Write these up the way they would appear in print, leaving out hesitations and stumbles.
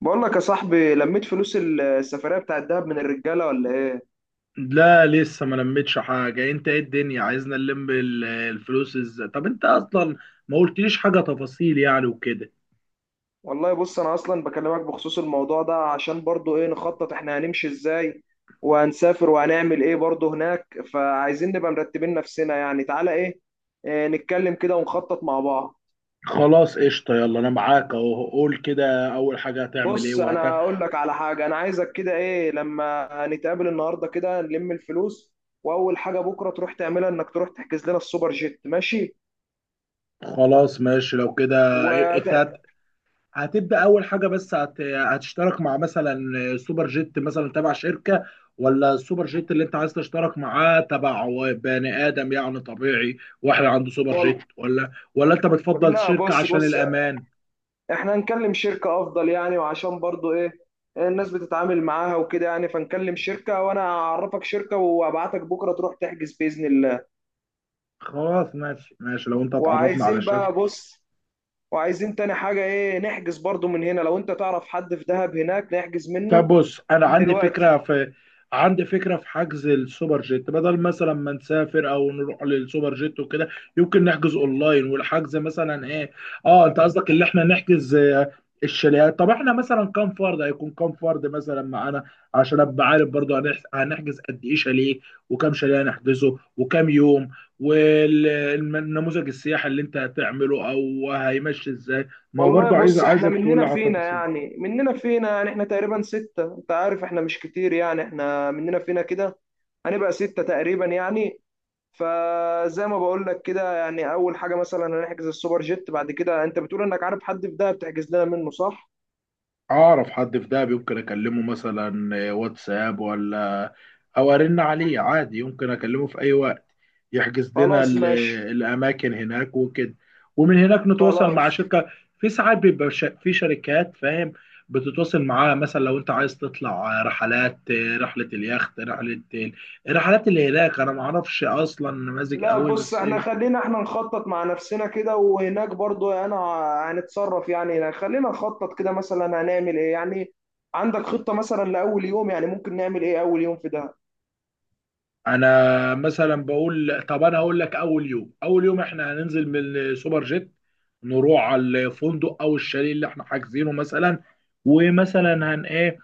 بقول لك يا صاحبي، لميت فلوس السفرية بتاعت دهب من الرجالة ولا ايه؟ لا، لسه ما لميتش حاجة. انت ايه الدنيا عايزنا نلم الفلوس ازاي؟ طب انت اصلا ما قلتليش حاجة تفاصيل يعني وكده. والله بص، انا اصلا بكلمك بخصوص الموضوع ده عشان برضو ايه، نخطط احنا هنمشي ازاي وهنسافر وهنعمل ايه برضو هناك. فعايزين نبقى مرتبين نفسنا، يعني تعالى ايه, إيه نتكلم كده ونخطط مع بعض. خلاص قشطة، يلا انا معاك اهو. قول كده، اول حاجة هتعمل ايه بص وهت. انا اقول لك على حاجة، انا عايزك كده ايه لما نتقابل النهاردة كده نلم الفلوس، واول حاجة بكرة تروح تعملها انك تروح تحجز لنا السوبر جيت، ماشي؟ خلاص ماشي لو كده. وت... انت هتبدأ اول حاجة؟ بس هتشترك مع مثلا سوبر جيت مثلا تبع شركة، ولا السوبر جيت اللي انت عايز تشترك معاه تبع بني ادم يعني طبيعي، واحد عنده سوبر والله جيت؟ ولا انت بتفضل لا شركة بص عشان بص الامان؟ احنا هنكلم شركة افضل يعني، وعشان برضو ايه، الناس بتتعامل معاها وكده يعني، فنكلم شركة وانا اعرفك شركة وابعتك بكرة تروح تحجز بإذن الله. خلاص ماشي ماشي لو انت اتعرفنا على وعايزين بقى، الشركة. بص، وعايزين تاني حاجة ايه، نحجز برضو من هنا لو انت تعرف حد في دهب هناك نحجز طب منه بص، انا من عندي دلوقتي. فكره في، عندي فكره في حجز السوبر جيت، بدل مثلا ما نسافر او نروح للسوبر جيت وكده، يمكن نحجز اونلاين. والحجز مثلا ايه، اه انت قصدك اللي احنا نحجز، الشاليهات. طب احنا مثلا كام فرد، هيكون كام فرد مثلا معانا عشان ابقى عارف؟ برضو هنحجز قد ايه شاليه، وكام شاليه هنحجزه، وكام يوم؟ والنموذج السياحي اللي انت هتعمله او هيمشي ازاي؟ ما هو والله برضو بص، احنا عايزك تقول لي مننا على فينا التفاصيل. يعني مننا فينا يعني احنا تقريبا ستة، انت عارف احنا مش كتير يعني، احنا مننا فينا كده، هنبقى ستة تقريبا يعني. فزي ما بقول لك كده يعني، اول حاجه مثلا هنحجز السوبر جيت، بعد كده انت بتقول انك عارف حد في دهب تحجز لنا منه، صح؟ اعرف حد في دهب، يمكن اكلمه مثلا، واتساب ولا او ارن عليه عادي، يمكن اكلمه في اي وقت يحجز لنا خلاص ماشي. الاماكن هناك وكده. ومن هناك نتواصل مع خلاص. شركه. في ساعات بيبقى في شركات، فاهم؟ بتتواصل معاها مثلا لو انت عايز تطلع رحلات، رحله اليخت، رحله الرحلات اللي هناك. انا ما اعرفش اصلا نماذج لا قوي بص، بس. احنا خلينا احنا نخطط مع نفسنا كده، وهناك برضو انا هنتصرف يعني. يعني خلينا نخطط كده مثلا هنعمل ايه يعني، عندك خطه مثلا لاول يوم؟ يعني ممكن نعمل ايه اول يوم في دهب؟ انا مثلا بقول، طب انا هقول لك اول يوم، اول يوم احنا هننزل من السوبر جيت، نروح على الفندق او الشاليه اللي احنا حاجزينه مثلا، ومثلا هنقابل.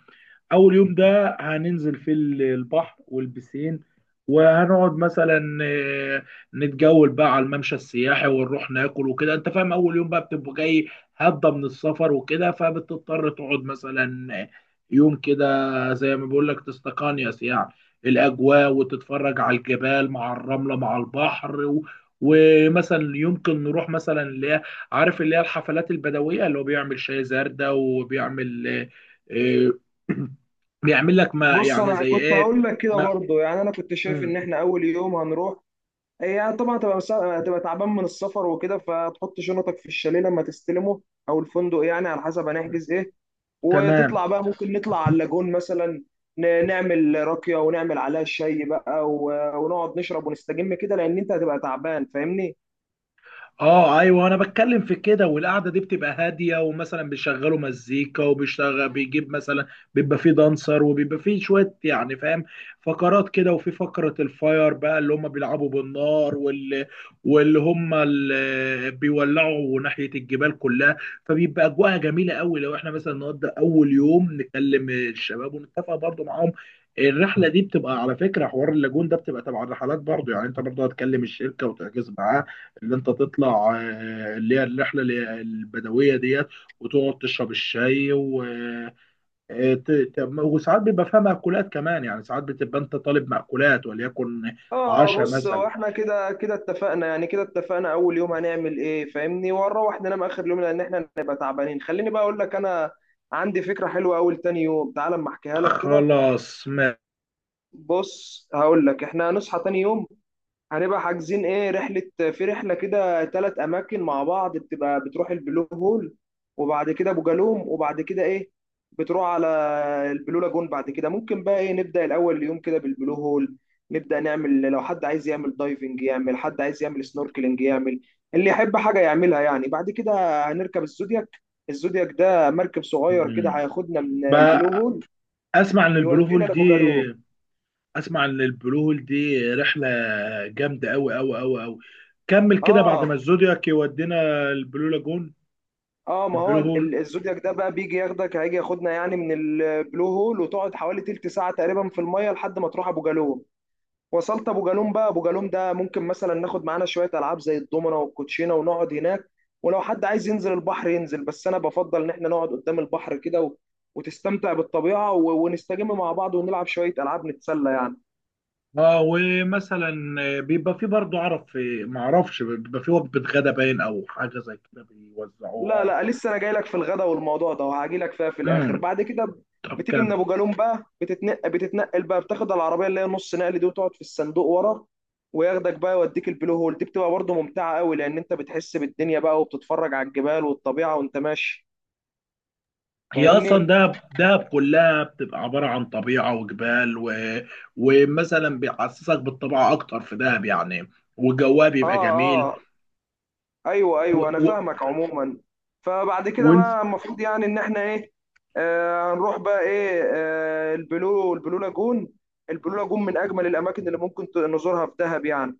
اول يوم ده هننزل في البحر والبسين، وهنقعد مثلا، نتجول بقى على الممشى السياحي، ونروح ناكل وكده. انت فاهم، اول يوم بقى بتبقى جاي هضه من السفر وكده، فبتضطر تقعد مثلا يوم كده زي ما بقول لك، تستقانيس يعني الاجواء، وتتفرج على الجبال مع الرمله مع البحر ومثلا يمكن نروح مثلا اللي هي، عارف اللي هي الحفلات البدويه، اللي هو بيعمل شاي زردة وبيعمل، آه، آه، بيعمل لك ما بص، يعني انا زي كنت ايه. هقول لك كده ما برضو يعني، انا كنت شايف ان مم. احنا اول يوم هنروح. هي طبعا تبقى، تبقى تعبان من السفر وكده، فتحط شنطك في الشاليه لما تستلمه او الفندق، يعني على حسب هنحجز ايه. تمام. وتطلع بقى، ممكن نطلع على اللاجون مثلا، نعمل راكية ونعمل عليها شاي بقى ونقعد نشرب ونستجم كده، لان انت هتبقى تعبان، فاهمني؟ اه ايوه انا بتكلم في كده. والقعده دي بتبقى هاديه، ومثلا بيشغلوا مزيكا، وبيشتغل بيجيب مثلا، بيبقى فيه دانسر، وبيبقى فيه شويه يعني، فاهم؟ فقرات كده، وفي فقره الفاير بقى اللي هم بيلعبوا بالنار، واللي هم اللي بيولعوا ناحيه الجبال كلها. فبيبقى اجواءها جميله قوي. لو احنا مثلا نقضي اول يوم، نكلم الشباب ونتفق برضو معاهم. الرحله دي بتبقى على فكره، حوار اللاجون ده بتبقى تبع الرحلات برضو يعني، انت برضو هتكلم الشركه وتحجز معاها اللي انت تطلع، اللي هي الرحله البدويه ديت، وتقعد تشرب الشاي و وساعات بيبقى فيها مأكولات كمان يعني، ساعات بتبقى انت طالب مأكولات وليكن اه عشاء بص، هو مثلا. احنا كده اتفقنا، يعني كده اتفقنا اول يوم هنعمل ايه، فاهمني؟ ونروح ننام اخر يوم لان احنا هنبقى تعبانين. خليني بقى اقول لك، انا عندي فكرة حلوة اول تاني يوم، تعال اما احكيها لك كده. خلاص. بص هقول لك، احنا هنصحى تاني يوم، هنبقى حاجزين ايه، رحلة في رحلة كده، ثلاث أماكن مع بعض، بتبقى بتروح البلو هول وبعد كده أبو جالوم وبعد كده ايه، بتروح على البلو لاجون. بعد كده ممكن بقى ايه، نبدأ الأول يوم كده بالبلو هول، نبدأ نعمل لو حد عايز يعمل دايفنج يعمل، حد عايز يعمل سنوركلينج يعمل، اللي يحب حاجة يعملها يعني. بعد كده هنركب الزودياك، الزودياك ده مركب صغير كده، مم. هياخدنا من البلو بقى، هول اسمع ان البلو يودينا هول دي، لأبو جالوم. اسمع ان البلو هول دي رحله جامده قوي قوي قوي قوي. كمل كده، بعد اه، ما الزودياك يودينا البلو لاجون. اه ما هو البلو هول. الزودياك ده بقى بيجي ياخدك، هيجي ياخدنا يعني من البلو هول، وتقعد حوالي تلت ساعة تقريبا في المية لحد ما تروح ابو جالوم. وصلت ابو جالوم بقى، ابو جالوم ده ممكن مثلا ناخد معانا شوية العاب زي الضمنة والكوتشينة ونقعد هناك، ولو حد عايز ينزل البحر ينزل، بس انا بفضل ان احنا نقعد قدام البحر كده وتستمتع بالطبيعة ونستجم مع بعض ونلعب شوية العاب نتسلى يعني. اه ومثلا، بيبقى في برضه، عرف في ما اعرفش، بيبقى في وجبه غدا باين او حاجه زي كده بيوزعوها لا او، لا، لسه انا جاي لك في الغدا والموضوع ده، وهاجي لك فيها في الاخر امم بعد كده طب بتيجي كم. من ابو جالوم بقى، بتتنقل بقى، بتاخد العربيه اللي هي نص نقل دي وتقعد في الصندوق ورا، وياخدك بقى يوديك البلو هول. دي بتبقى برضه ممتعه قوي، لان انت بتحس بالدنيا بقى وبتتفرج على الجبال والطبيعه وانت ماشي، هي اصلا فاهمني؟ دهب، دهب كلها بتبقى عباره عن طبيعه وجبال ومثلا بيحسسك بالطبيعه اكتر في دهب يعني، وجوها اه. بيبقى جميل. آه. ايوه ايوه، انا و... و... فاهمك عموما. فبعد كده وانت. بقى، المفروض يعني ان احنا ايه، آه هنروح بقى ايه، آه البلو لاجون. البلو لاجون من اجمل الاماكن اللي ممكن نزورها في دهب يعني،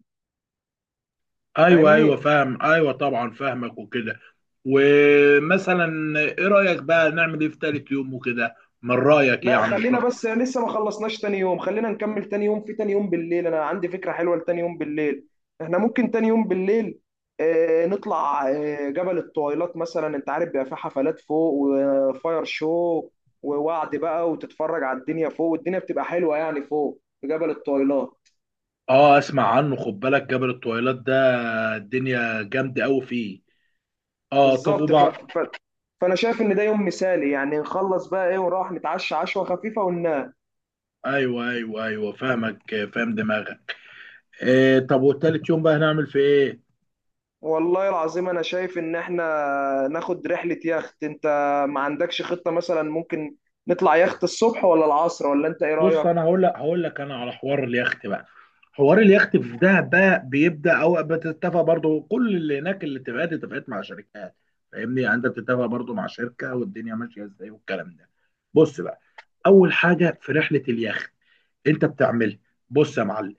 ايوه ايوه فاهمني؟ فاهم، ايوه طبعا فاهمك وكده. ومثلا ايه رايك بقى نعمل ايه في تالت يوم وكده؟ من رايك لا يعني خلينا الشخص. بس، لسه ما خلصناش تاني يوم، خلينا نكمل تاني يوم. في تاني يوم بالليل انا عندي فكرة حلوة لتاني يوم بالليل، احنا ممكن تاني يوم بالليل نطلع جبل الطويلات مثلا. انت عارف بيبقى فيه حفلات فوق وفاير شو ووعد بقى، وتتفرج على الدنيا فوق، والدنيا بتبقى حلوة يعني فوق في جبل الطويلات. اه اسمع عنه، خد بالك جبل الطويلات ده الدنيا جامده قوي فيه. اه طب بالظبط. وبعد. فانا شايف ان ده يوم مثالي يعني، نخلص بقى ايه ونروح نتعشى عشوة خفيفة وننام. ايوه ايوه ايوه فاهمك، فاهم دماغك. إيه طب والتالت يوم بقى هنعمل في ايه؟ والله العظيم انا شايف ان احنا ناخد رحلة يخت، انت ما عندكش خطة مثلا؟ ممكن نطلع يخت الصبح ولا العصر؟ ولا انت ايه بص رأيك؟ انا هقول لك، هقول لك انا على حوار اليخت بقى. حوار اليخت في دهب بقى بيبدا، او بتتفق برضو كل اللي هناك، اللي اتفقت مع شركات، فاهمني؟ يعني انت بتتفق برضو مع شركه، والدنيا ماشيه ازاي والكلام ده. بص بقى، اول حاجه في رحله اليخت انت بتعملها، بص يا معلم،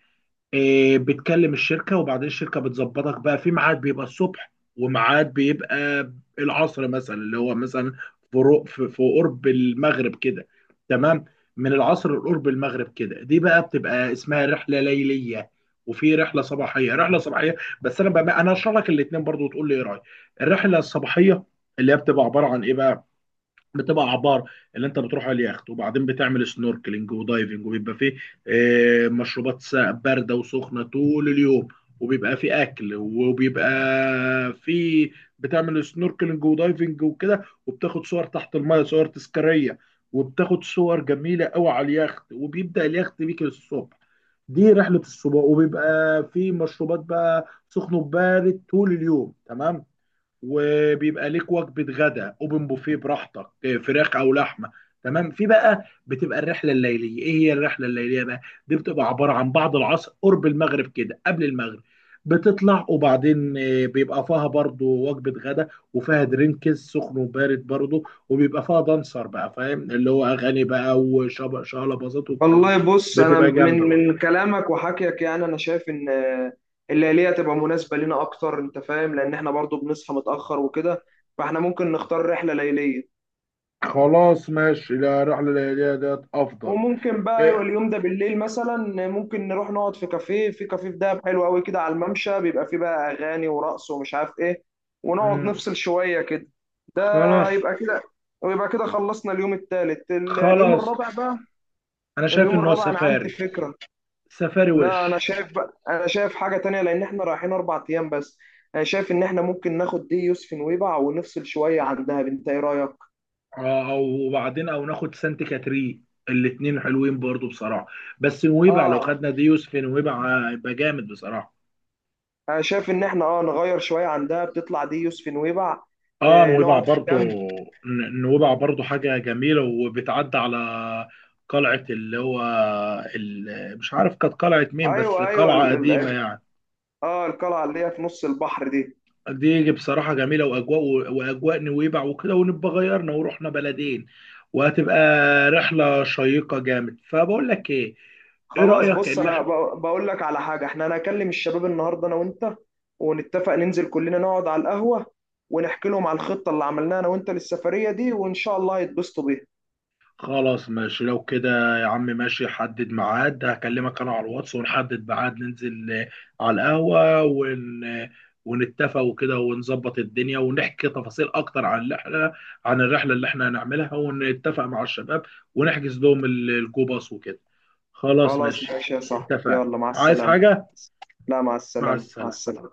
بتكلم الشركة، وبعدين الشركة بتظبطك بقى في ميعاد بيبقى الصبح، وميعاد بيبقى العصر مثلا، اللي هو مثلا في في قرب المغرب كده، تمام؟ من العصر لقرب المغرب كده، دي بقى بتبقى اسمها رحلة ليلية. وفي رحلة صباحية، رحلة صباحية. بس انا بقى انا هشرح لك الاتنين برضو، وتقول لي ايه رأيك. الرحلة الصباحية اللي هي بتبقى عبارة عن ايه بقى؟ بتبقى اعبار اللي انت بتروح على اليخت، وبعدين بتعمل سنوركلينج ودايفنج. وبيبقى فيه، مشروبات بارده وسخنه طول اليوم، وبيبقى فيه اكل، وبيبقى فيه، بتعمل سنوركلينج ودايفنج وكده، وبتاخد صور تحت الميه، صور تذكاريه، وبتاخد صور جميله قوي على اليخت، وبيبدا اليخت بيك الصبح. دي رحله الصبح، وبيبقى فيه مشروبات بقى سخن وبارد طول اليوم، تمام؟ وبيبقى ليك وجبه غدا اوبن بوفيه براحتك، فراخ او لحمه، تمام؟ في بقى بتبقى الرحله الليليه. ايه هي الرحله الليليه بقى؟ دي بتبقى عباره عن بعد العصر قرب المغرب كده، قبل المغرب بتطلع، وبعدين بيبقى فيها برضو وجبه غدا، وفيها درينكس سخن وبارد برضو، وبيبقى فيها دانسر بقى، فاهم؟ اللي هو اغاني بقى وشغله باظت والكلام والله ده، بص، انا بتبقى جامده من برضو. من كلامك وحكيك يعني، انا شايف ان الليلية تبقى مناسبة لنا اكتر، انت فاهم؟ لان احنا برضو بنصحى متأخر وكده، فاحنا ممكن نختار رحلة ليلية. خلاص ماشي، لا الرحله الليليه ديت افضل. وممكن بقى يبقى إيه، اليوم ده بالليل مثلا، ممكن نروح نقعد في كافيه، في كافيه في دهب حلو قوي كده على الممشى، بيبقى فيه بقى اغاني ورقص ومش عارف ايه، ونقعد مم، نفصل شوية كده. خلاص. هيبقى كده، ويبقى كده خلصنا اليوم الثالث. اليوم خلاص، الرابع بقى، انا شايف اليوم ان هو الرابع انا عندي سفاري، فكرة. سفاري لا انا وش. شايف بقى، انا شايف حاجة تانية، لان احنا رايحين 4 ايام بس. انا شايف ان احنا ممكن ناخد دي يوسف نويبع ونفصل شوية عن دهب، انت ايه رأيك؟ اه، او وبعدين او ناخد سانت كاترين، الاتنين حلوين برضو بصراحه، بس نويبع لو اه، خدنا ديوس في نويبع هيبقى جامد بصراحه. انا شايف ان احنا اه نغير شوية عن دهب، تطلع دي يوسف نويبع، اه آه نويبع نقعد في برضو. كامب. نويبع برضو حاجه جميله، وبتعدي على قلعه اللي هو، مش عارف كانت قلعه مين، بس ايوه ايوه، قلعه قديمه يعني. اه القلعة اللي هي في نص البحر دي. دي بصراحة جميلة، وأجواء، وأجواء نويبع وكده، ونبقى غيرنا ورحنا بلدين، وهتبقى رحلة شيقة جامد. فبقول لك إيه، إيه خلاص رأيك بص، اللي انا بقول لك على حاجه، احنا هنكلم الشباب النهارده انا وانت، ونتفق ننزل كلنا نقعد على القهوه، ونحكي لهم على الخطه اللي عملناها انا وانت للسفريه دي، وان شاء الله هيتبسطوا بيها. خلاص ماشي لو كده يا عم. ماشي، حدد ميعاد، هكلمك انا على الواتس ونحدد ميعاد ننزل، على القهوة، ونتفق وكده، ونظبط الدنيا، ونحكي تفاصيل اكتر عن الرحلة، عن الرحلة اللي احنا هنعملها، ونتفق مع الشباب، ونحجز لهم الجو باص وكده. خلاص خلاص ماشي، ماشي يا صاحبي، اتفقنا. يلا مع عايز السلامه. حاجة؟ لا، مع مع السلامه، مع السلامة. السلامه.